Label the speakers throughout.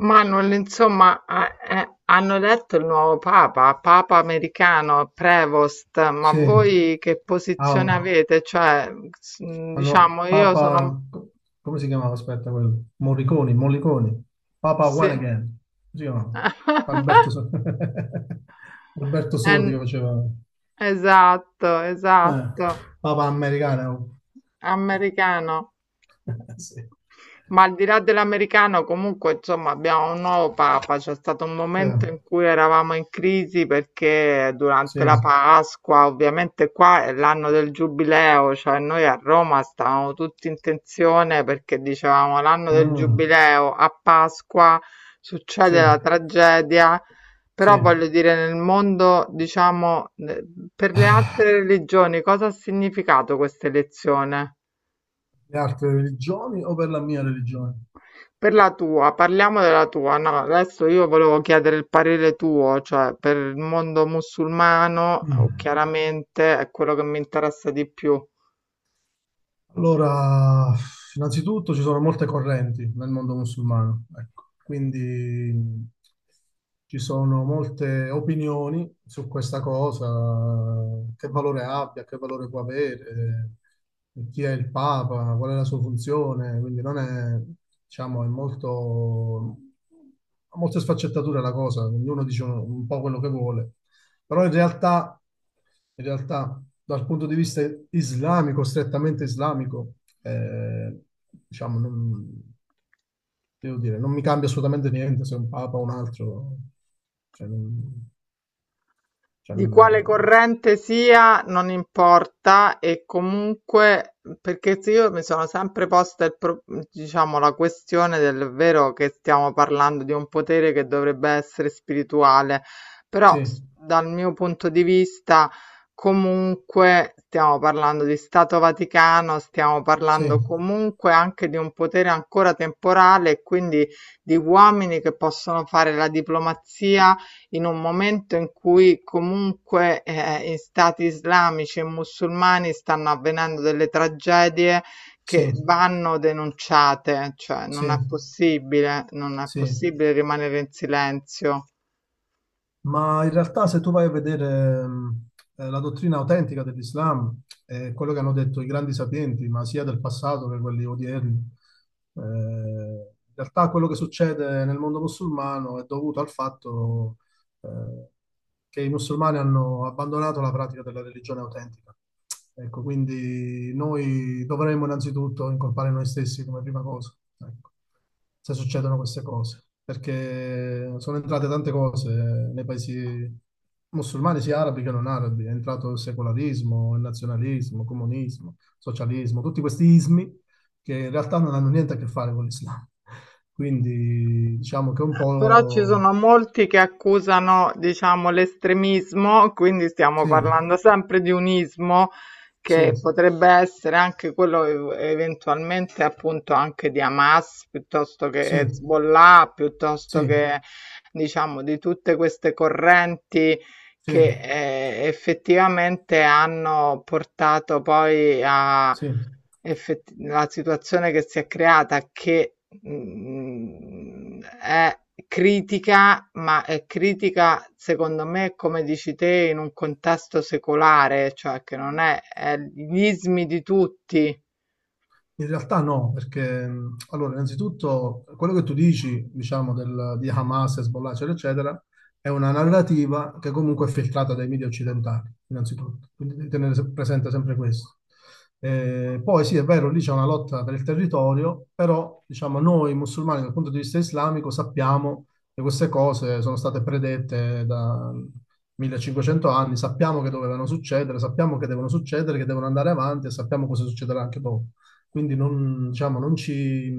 Speaker 1: Manuel, insomma, hanno eletto il nuovo papa, papa americano, Prevost, ma
Speaker 2: Sì,
Speaker 1: voi che
Speaker 2: ah,
Speaker 1: posizione avete? Cioè, diciamo, io sono...
Speaker 2: Papa, come si chiamava? Aspetta, quello. Morricone, Mollicone, Papa One
Speaker 1: Sì.
Speaker 2: Again, come si chiamava? Alberto, So- Alberto Sordi
Speaker 1: Eh,
Speaker 2: che faceva,
Speaker 1: esatto,
Speaker 2: eh,
Speaker 1: esatto,
Speaker 2: Papa americano.
Speaker 1: americano.
Speaker 2: Sì,
Speaker 1: Ma al di là dell'americano, comunque, insomma, abbiamo un nuovo papa. C'è stato un momento
Speaker 2: eh,
Speaker 1: in cui eravamo in crisi perché
Speaker 2: sì.
Speaker 1: durante la Pasqua, ovviamente qua è l'anno del giubileo, cioè noi a Roma stavamo tutti in tensione perché dicevamo l'anno del
Speaker 2: Mm.
Speaker 1: giubileo, a Pasqua
Speaker 2: Sì,
Speaker 1: succede la tragedia.
Speaker 2: sì,
Speaker 1: Però
Speaker 2: le
Speaker 1: voglio dire, nel mondo, diciamo, per le altre religioni, cosa ha significato questa elezione?
Speaker 2: altre religioni o per la mia religione?
Speaker 1: Per la tua, parliamo della tua. No, adesso io volevo chiedere il parere tuo, cioè per il mondo musulmano,
Speaker 2: Mm.
Speaker 1: chiaramente è quello che mi interessa di più.
Speaker 2: Allora, innanzitutto ci sono molte correnti nel mondo musulmano, ecco. Quindi ci sono molte opinioni su questa cosa, che valore abbia, che valore può avere, chi è il Papa, qual è la sua funzione, quindi non è, diciamo, è molto, ha molte sfaccettature la cosa, ognuno dice un po' quello che vuole. Però in realtà, dal punto di vista islamico, strettamente islamico, eh, diciamo, non, devo dire, non mi cambia assolutamente niente se è un papa o un altro. Cioè, non, cioè
Speaker 1: Di quale corrente sia non importa, e comunque perché se io mi sono sempre posta il diciamo la questione del vero, che stiamo parlando di un potere che dovrebbe essere spirituale, però
Speaker 2: sì,
Speaker 1: dal mio punto di vista comunque stiamo parlando di Stato Vaticano, stiamo
Speaker 2: sì,
Speaker 1: parlando comunque anche di un potere ancora temporale, e quindi di uomini che possono fare la diplomazia in un momento in cui comunque in stati islamici e musulmani stanno avvenendo delle tragedie
Speaker 2: sì,
Speaker 1: che vanno denunciate, cioè
Speaker 2: sì,
Speaker 1: non è possibile, non è
Speaker 2: sì.
Speaker 1: possibile rimanere in silenzio.
Speaker 2: Ma in realtà se tu vai a vedere la dottrina autentica dell'Islam, è quello che hanno detto i grandi sapienti, ma sia del passato che quelli odierni, in realtà quello che succede nel mondo musulmano è dovuto al fatto eh, che i musulmani hanno abbandonato la pratica della religione autentica. Ecco, quindi noi dovremmo innanzitutto incolpare noi stessi come prima cosa, ecco, se succedono queste cose, perché sono entrate tante cose nei paesi musulmani, sia arabi che non arabi, è entrato il secolarismo, il nazionalismo, il comunismo, il socialismo, tutti questi ismi che in realtà non hanno niente a che fare con l'Islam. Quindi diciamo che un
Speaker 1: Però ci
Speaker 2: po'
Speaker 1: sono molti che accusano, diciamo, l'estremismo, quindi stiamo
Speaker 2: sì.
Speaker 1: parlando sempre di un ismo che
Speaker 2: Sì,
Speaker 1: potrebbe essere anche quello eventualmente appunto anche di Hamas, piuttosto che
Speaker 2: sì,
Speaker 1: Hezbollah,
Speaker 2: sì,
Speaker 1: piuttosto che, diciamo, di tutte queste correnti
Speaker 2: sì,
Speaker 1: che effettivamente hanno portato poi a
Speaker 2: sì.
Speaker 1: la situazione che si è creata, che è critica, ma è critica secondo me, come dici te, in un contesto secolare, cioè che non è, è gli ismi di tutti.
Speaker 2: In realtà no, perché allora, innanzitutto quello che tu dici, diciamo, di Hamas, Hezbollah, eccetera, eccetera, è una narrativa che comunque è filtrata dai media occidentali, innanzitutto. Quindi devi tenere presente sempre questo. Poi sì, è vero, lì c'è una lotta per il territorio, però diciamo, noi musulmani dal punto di vista islamico sappiamo che queste cose sono state predette da 1500 anni, sappiamo che dovevano succedere, sappiamo che devono succedere, che devono andare avanti e sappiamo cosa succederà anche dopo. Quindi non, diciamo, non ci,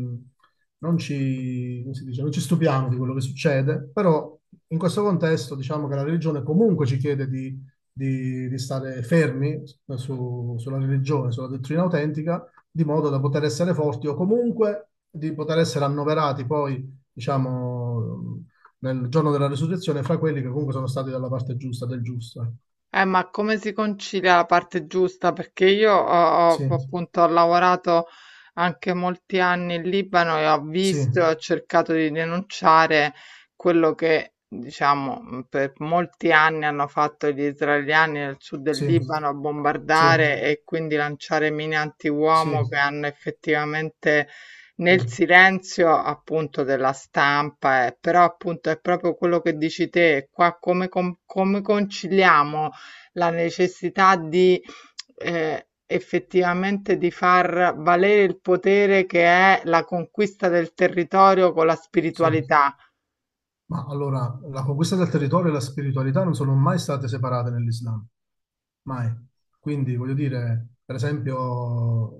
Speaker 2: non ci, come si dice, non ci stupiamo di quello che succede, però in questo contesto diciamo che la religione comunque ci chiede di, di stare fermi sulla religione, sulla dottrina autentica, di modo da poter essere forti o comunque di poter essere annoverati poi, diciamo, nel giorno della risurrezione fra quelli che comunque sono stati dalla parte giusta, del giusto.
Speaker 1: Ma come si concilia la parte giusta? Perché io ho,
Speaker 2: Sì,
Speaker 1: appunto ho lavorato anche molti anni in Libano e ho
Speaker 2: sì,
Speaker 1: visto e ho cercato di denunciare quello che, diciamo, per molti anni hanno fatto gli israeliani nel sud del
Speaker 2: sì,
Speaker 1: Libano,
Speaker 2: sì,
Speaker 1: bombardare e quindi lanciare mine antiuomo
Speaker 2: sì,
Speaker 1: che hanno effettivamente
Speaker 2: sì,
Speaker 1: nel silenzio appunto della stampa, eh. Però appunto è proprio quello che dici te, qua come come conciliamo? La necessità di effettivamente di far valere il potere che è la conquista del territorio con la
Speaker 2: sì.
Speaker 1: spiritualità.
Speaker 2: Ma allora, la conquista del territorio e la spiritualità non sono mai state separate nell'Islam, mai. Quindi, voglio dire, per esempio,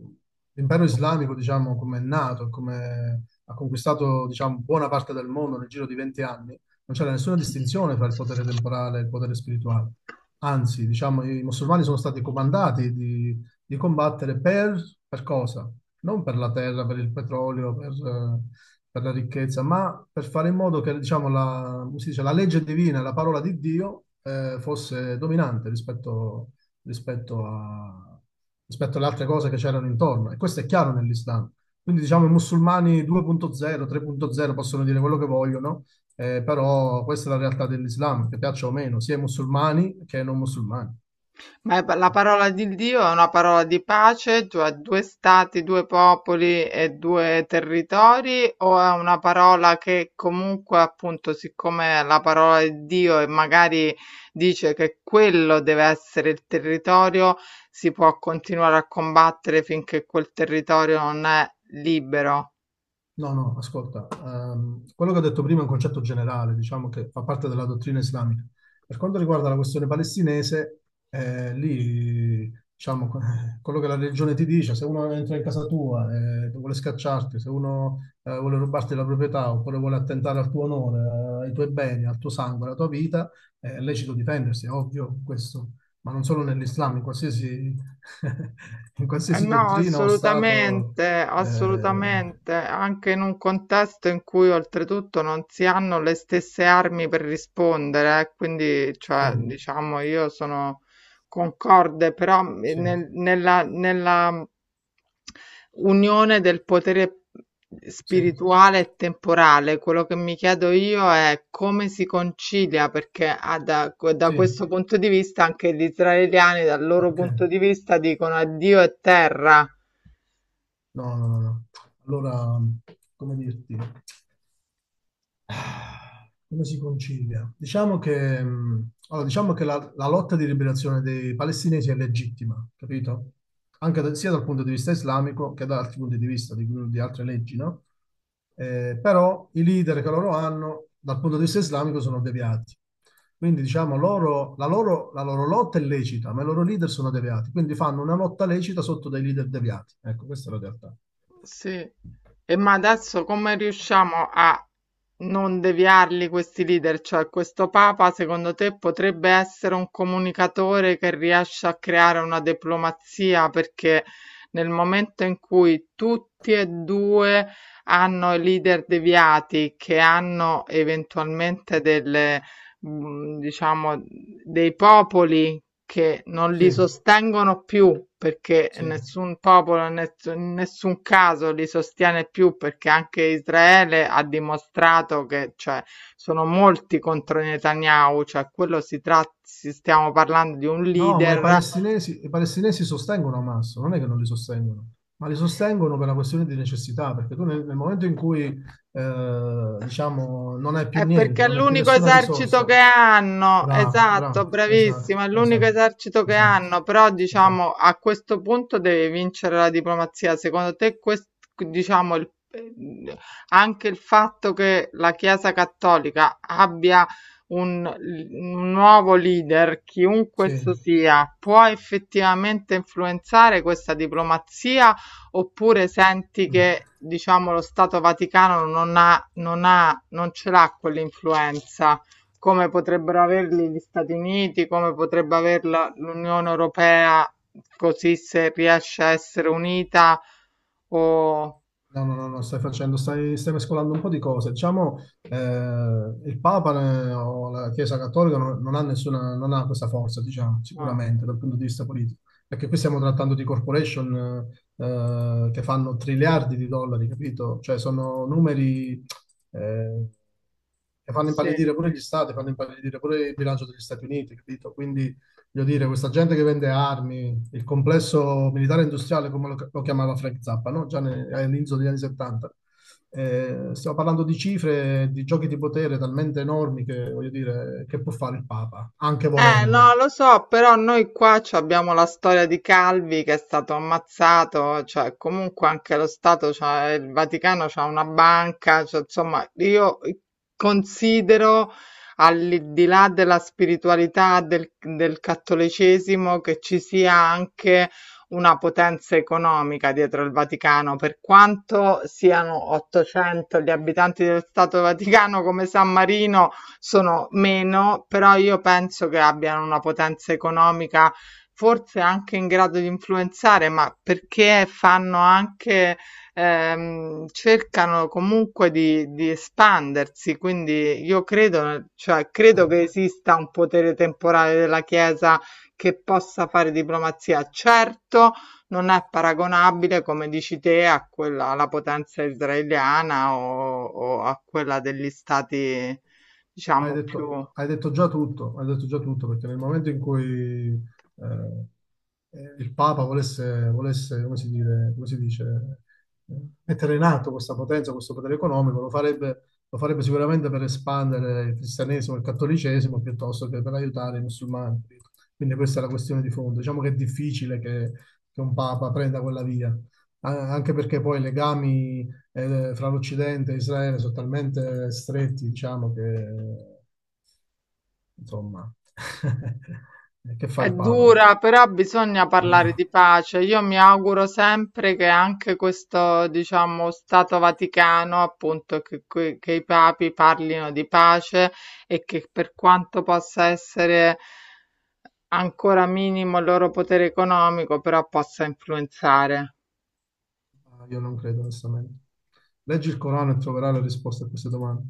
Speaker 2: l'impero islamico, diciamo, come è nato, come ha conquistato, diciamo, buona parte del mondo nel giro di 20 anni, non c'era nessuna distinzione tra il potere temporale e il potere spirituale. Anzi, diciamo, i musulmani sono stati comandati di, combattere per, cosa? Non per la terra, per il petrolio, per la ricchezza, ma per fare in modo che, diciamo, la, come si dice, la legge divina, la parola di Dio, fosse dominante rispetto, rispetto a- rispetto alle altre cose che c'erano intorno. E questo è chiaro nell'Islam. Quindi, diciamo, i musulmani 2.0, 3.0 possono dire quello che vogliono, però questa è la realtà dell'Islam, che piaccia o meno, sia ai musulmani che ai non musulmani.
Speaker 1: Ma la parola di Dio è una parola di pace, cioè due stati, due popoli e due territori, o è una parola che comunque, appunto, siccome è la parola di Dio e magari dice che quello deve essere il territorio, si può continuare a combattere finché quel territorio non è libero?
Speaker 2: No, no, ascolta, quello che ho detto prima è un concetto generale, diciamo che fa parte della dottrina islamica. Per quanto riguarda la questione palestinese, lì, diciamo, quello che la religione ti dice, se uno entra in casa tua e vuole scacciarti, se uno vuole rubarti la proprietà oppure vuole attentare al tuo onore, ai tuoi beni, al tuo sangue, alla tua vita, è lecito difendersi, è ovvio questo, ma non solo nell'Islam, in qualsiasi, in qualsiasi
Speaker 1: No,
Speaker 2: dottrina o stato.
Speaker 1: assolutamente,
Speaker 2: eh,
Speaker 1: assolutamente, anche in un contesto in cui oltretutto non si hanno le stesse armi per rispondere, eh. Quindi,
Speaker 2: Sì,
Speaker 1: cioè, diciamo, io sono concorde però
Speaker 2: sì,
Speaker 1: nella, nella unione del potere
Speaker 2: sì,
Speaker 1: spirituale e temporale. Quello che mi chiedo io è come si concilia, perché da, da
Speaker 2: sì,
Speaker 1: questo punto di vista anche gli israeliani, dal loro
Speaker 2: ok.
Speaker 1: punto di vista, dicono addio e terra.
Speaker 2: No, no, no, no. Allora, come dirti? Come si concilia? Diciamo che, allora, diciamo che la, lotta di liberazione dei palestinesi è legittima, capito? Anche sia dal punto di vista islamico che da altri punti di vista, di, altre leggi, no? Però i leader che loro hanno, dal punto di vista islamico, sono deviati. Quindi, diciamo, loro, la loro, lotta è lecita, ma i loro leader sono deviati. Quindi fanno una lotta lecita sotto dei leader deviati. Ecco, questa è la realtà.
Speaker 1: Sì. E ma adesso come riusciamo a non deviarli questi leader? Cioè, questo Papa, secondo te, potrebbe essere un comunicatore che riesce a creare una diplomazia? Perché nel momento in cui tutti e due hanno i leader deviati, che hanno eventualmente delle, diciamo, dei popoli che non
Speaker 2: Sì,
Speaker 1: li sostengono più, perché
Speaker 2: sì.
Speaker 1: nessun popolo, in nessun caso li sostiene più, perché anche Israele ha dimostrato che, cioè, sono molti contro Netanyahu, cioè quello si tratta, stiamo parlando di un
Speaker 2: No, ma
Speaker 1: leader.
Speaker 2: i palestinesi sostengono Hamas, non è che non li sostengono, ma li sostengono per una questione di necessità, perché tu nel, momento in cui, diciamo, non hai più
Speaker 1: È perché
Speaker 2: niente,
Speaker 1: è
Speaker 2: non hai più
Speaker 1: l'unico
Speaker 2: nessuna
Speaker 1: esercito
Speaker 2: risorsa,
Speaker 1: che hanno,
Speaker 2: bravo,
Speaker 1: esatto,
Speaker 2: bravo, esatto,
Speaker 1: bravissima, è l'unico
Speaker 2: esatto,
Speaker 1: esercito che
Speaker 2: esatto,
Speaker 1: hanno, però
Speaker 2: esatto,
Speaker 1: diciamo a questo punto devi vincere la diplomazia. Secondo te, diciamo, anche il fatto che la Chiesa Cattolica abbia un nuovo leader, chiunque esso
Speaker 2: sì.
Speaker 1: sia, può effettivamente influenzare questa diplomazia, oppure senti
Speaker 2: Mm.
Speaker 1: che diciamo lo Stato Vaticano non ha, non ha, non ce l'ha quell'influenza come potrebbero averli gli Stati Uniti, come potrebbe averla l'Unione Europea, così se riesce a essere unita o
Speaker 2: No, no, no, no, stai facendo, stai, mescolando un po' di cose. Diciamo, il Papa o la Chiesa Cattolica non ha nessuna, non ha questa forza, diciamo,
Speaker 1: no,
Speaker 2: sicuramente dal punto di vista politico. Perché qui stiamo trattando di corporation che fanno triliardi di dollari, capito? Cioè sono numeri eh, che fanno
Speaker 1: sì.
Speaker 2: impallidire pure gli stati, fanno impallidire pure il bilancio degli Stati Uniti, capito? Quindi, voglio dire, questa gente che vende armi, il complesso militare industriale, come lo chiamava Frank Zappa, no? Già all'inizio degli anni 70. Stiamo parlando di cifre, di giochi di potere talmente enormi che, voglio dire, che può fare il Papa, anche
Speaker 1: No,
Speaker 2: volendo.
Speaker 1: lo so, però noi qua ci abbiamo la storia di Calvi che è stato ammazzato, cioè comunque anche lo Stato, il Vaticano c'ha una banca, cioè, insomma, io considero, al di là della spiritualità del, del cattolicesimo, che ci sia anche una potenza economica dietro il Vaticano. Per quanto siano 800 gli abitanti dello Stato Vaticano, come San Marino sono meno, però io penso che abbiano una potenza economica forse anche in grado di influenzare, ma perché fanno anche, cercano comunque di espandersi, quindi io credo, cioè, credo che
Speaker 2: Ecco.
Speaker 1: esista un potere temporale della Chiesa che possa fare diplomazia. Certo, non è paragonabile, come dici te, a quella, alla potenza israeliana o a quella degli stati. Diciamo più
Speaker 2: Hai detto già tutto, hai detto già tutto, perché nel momento in cui il Papa volesse, come si dice, eh, mettere in atto questa potenza, questo potere economico, lo farebbe sicuramente per espandere il cristianesimo e il cattolicesimo piuttosto che per aiutare i musulmani. Quindi questa è la questione di fondo. Diciamo che è difficile che, un Papa prenda quella via, anche perché poi i legami fra l'Occidente e Israele sono talmente stretti, diciamo, che insomma, che fa
Speaker 1: è
Speaker 2: il Papa?
Speaker 1: dura, però bisogna parlare
Speaker 2: Eh,
Speaker 1: di pace. Io mi auguro sempre che anche questo, diciamo, Stato Vaticano, appunto, che, che i papi parlino di pace e che, per quanto possa essere ancora minimo il loro potere economico, però possa influenzare.
Speaker 2: io non credo, onestamente. Leggi il Corano e troverai le risposte a queste domande.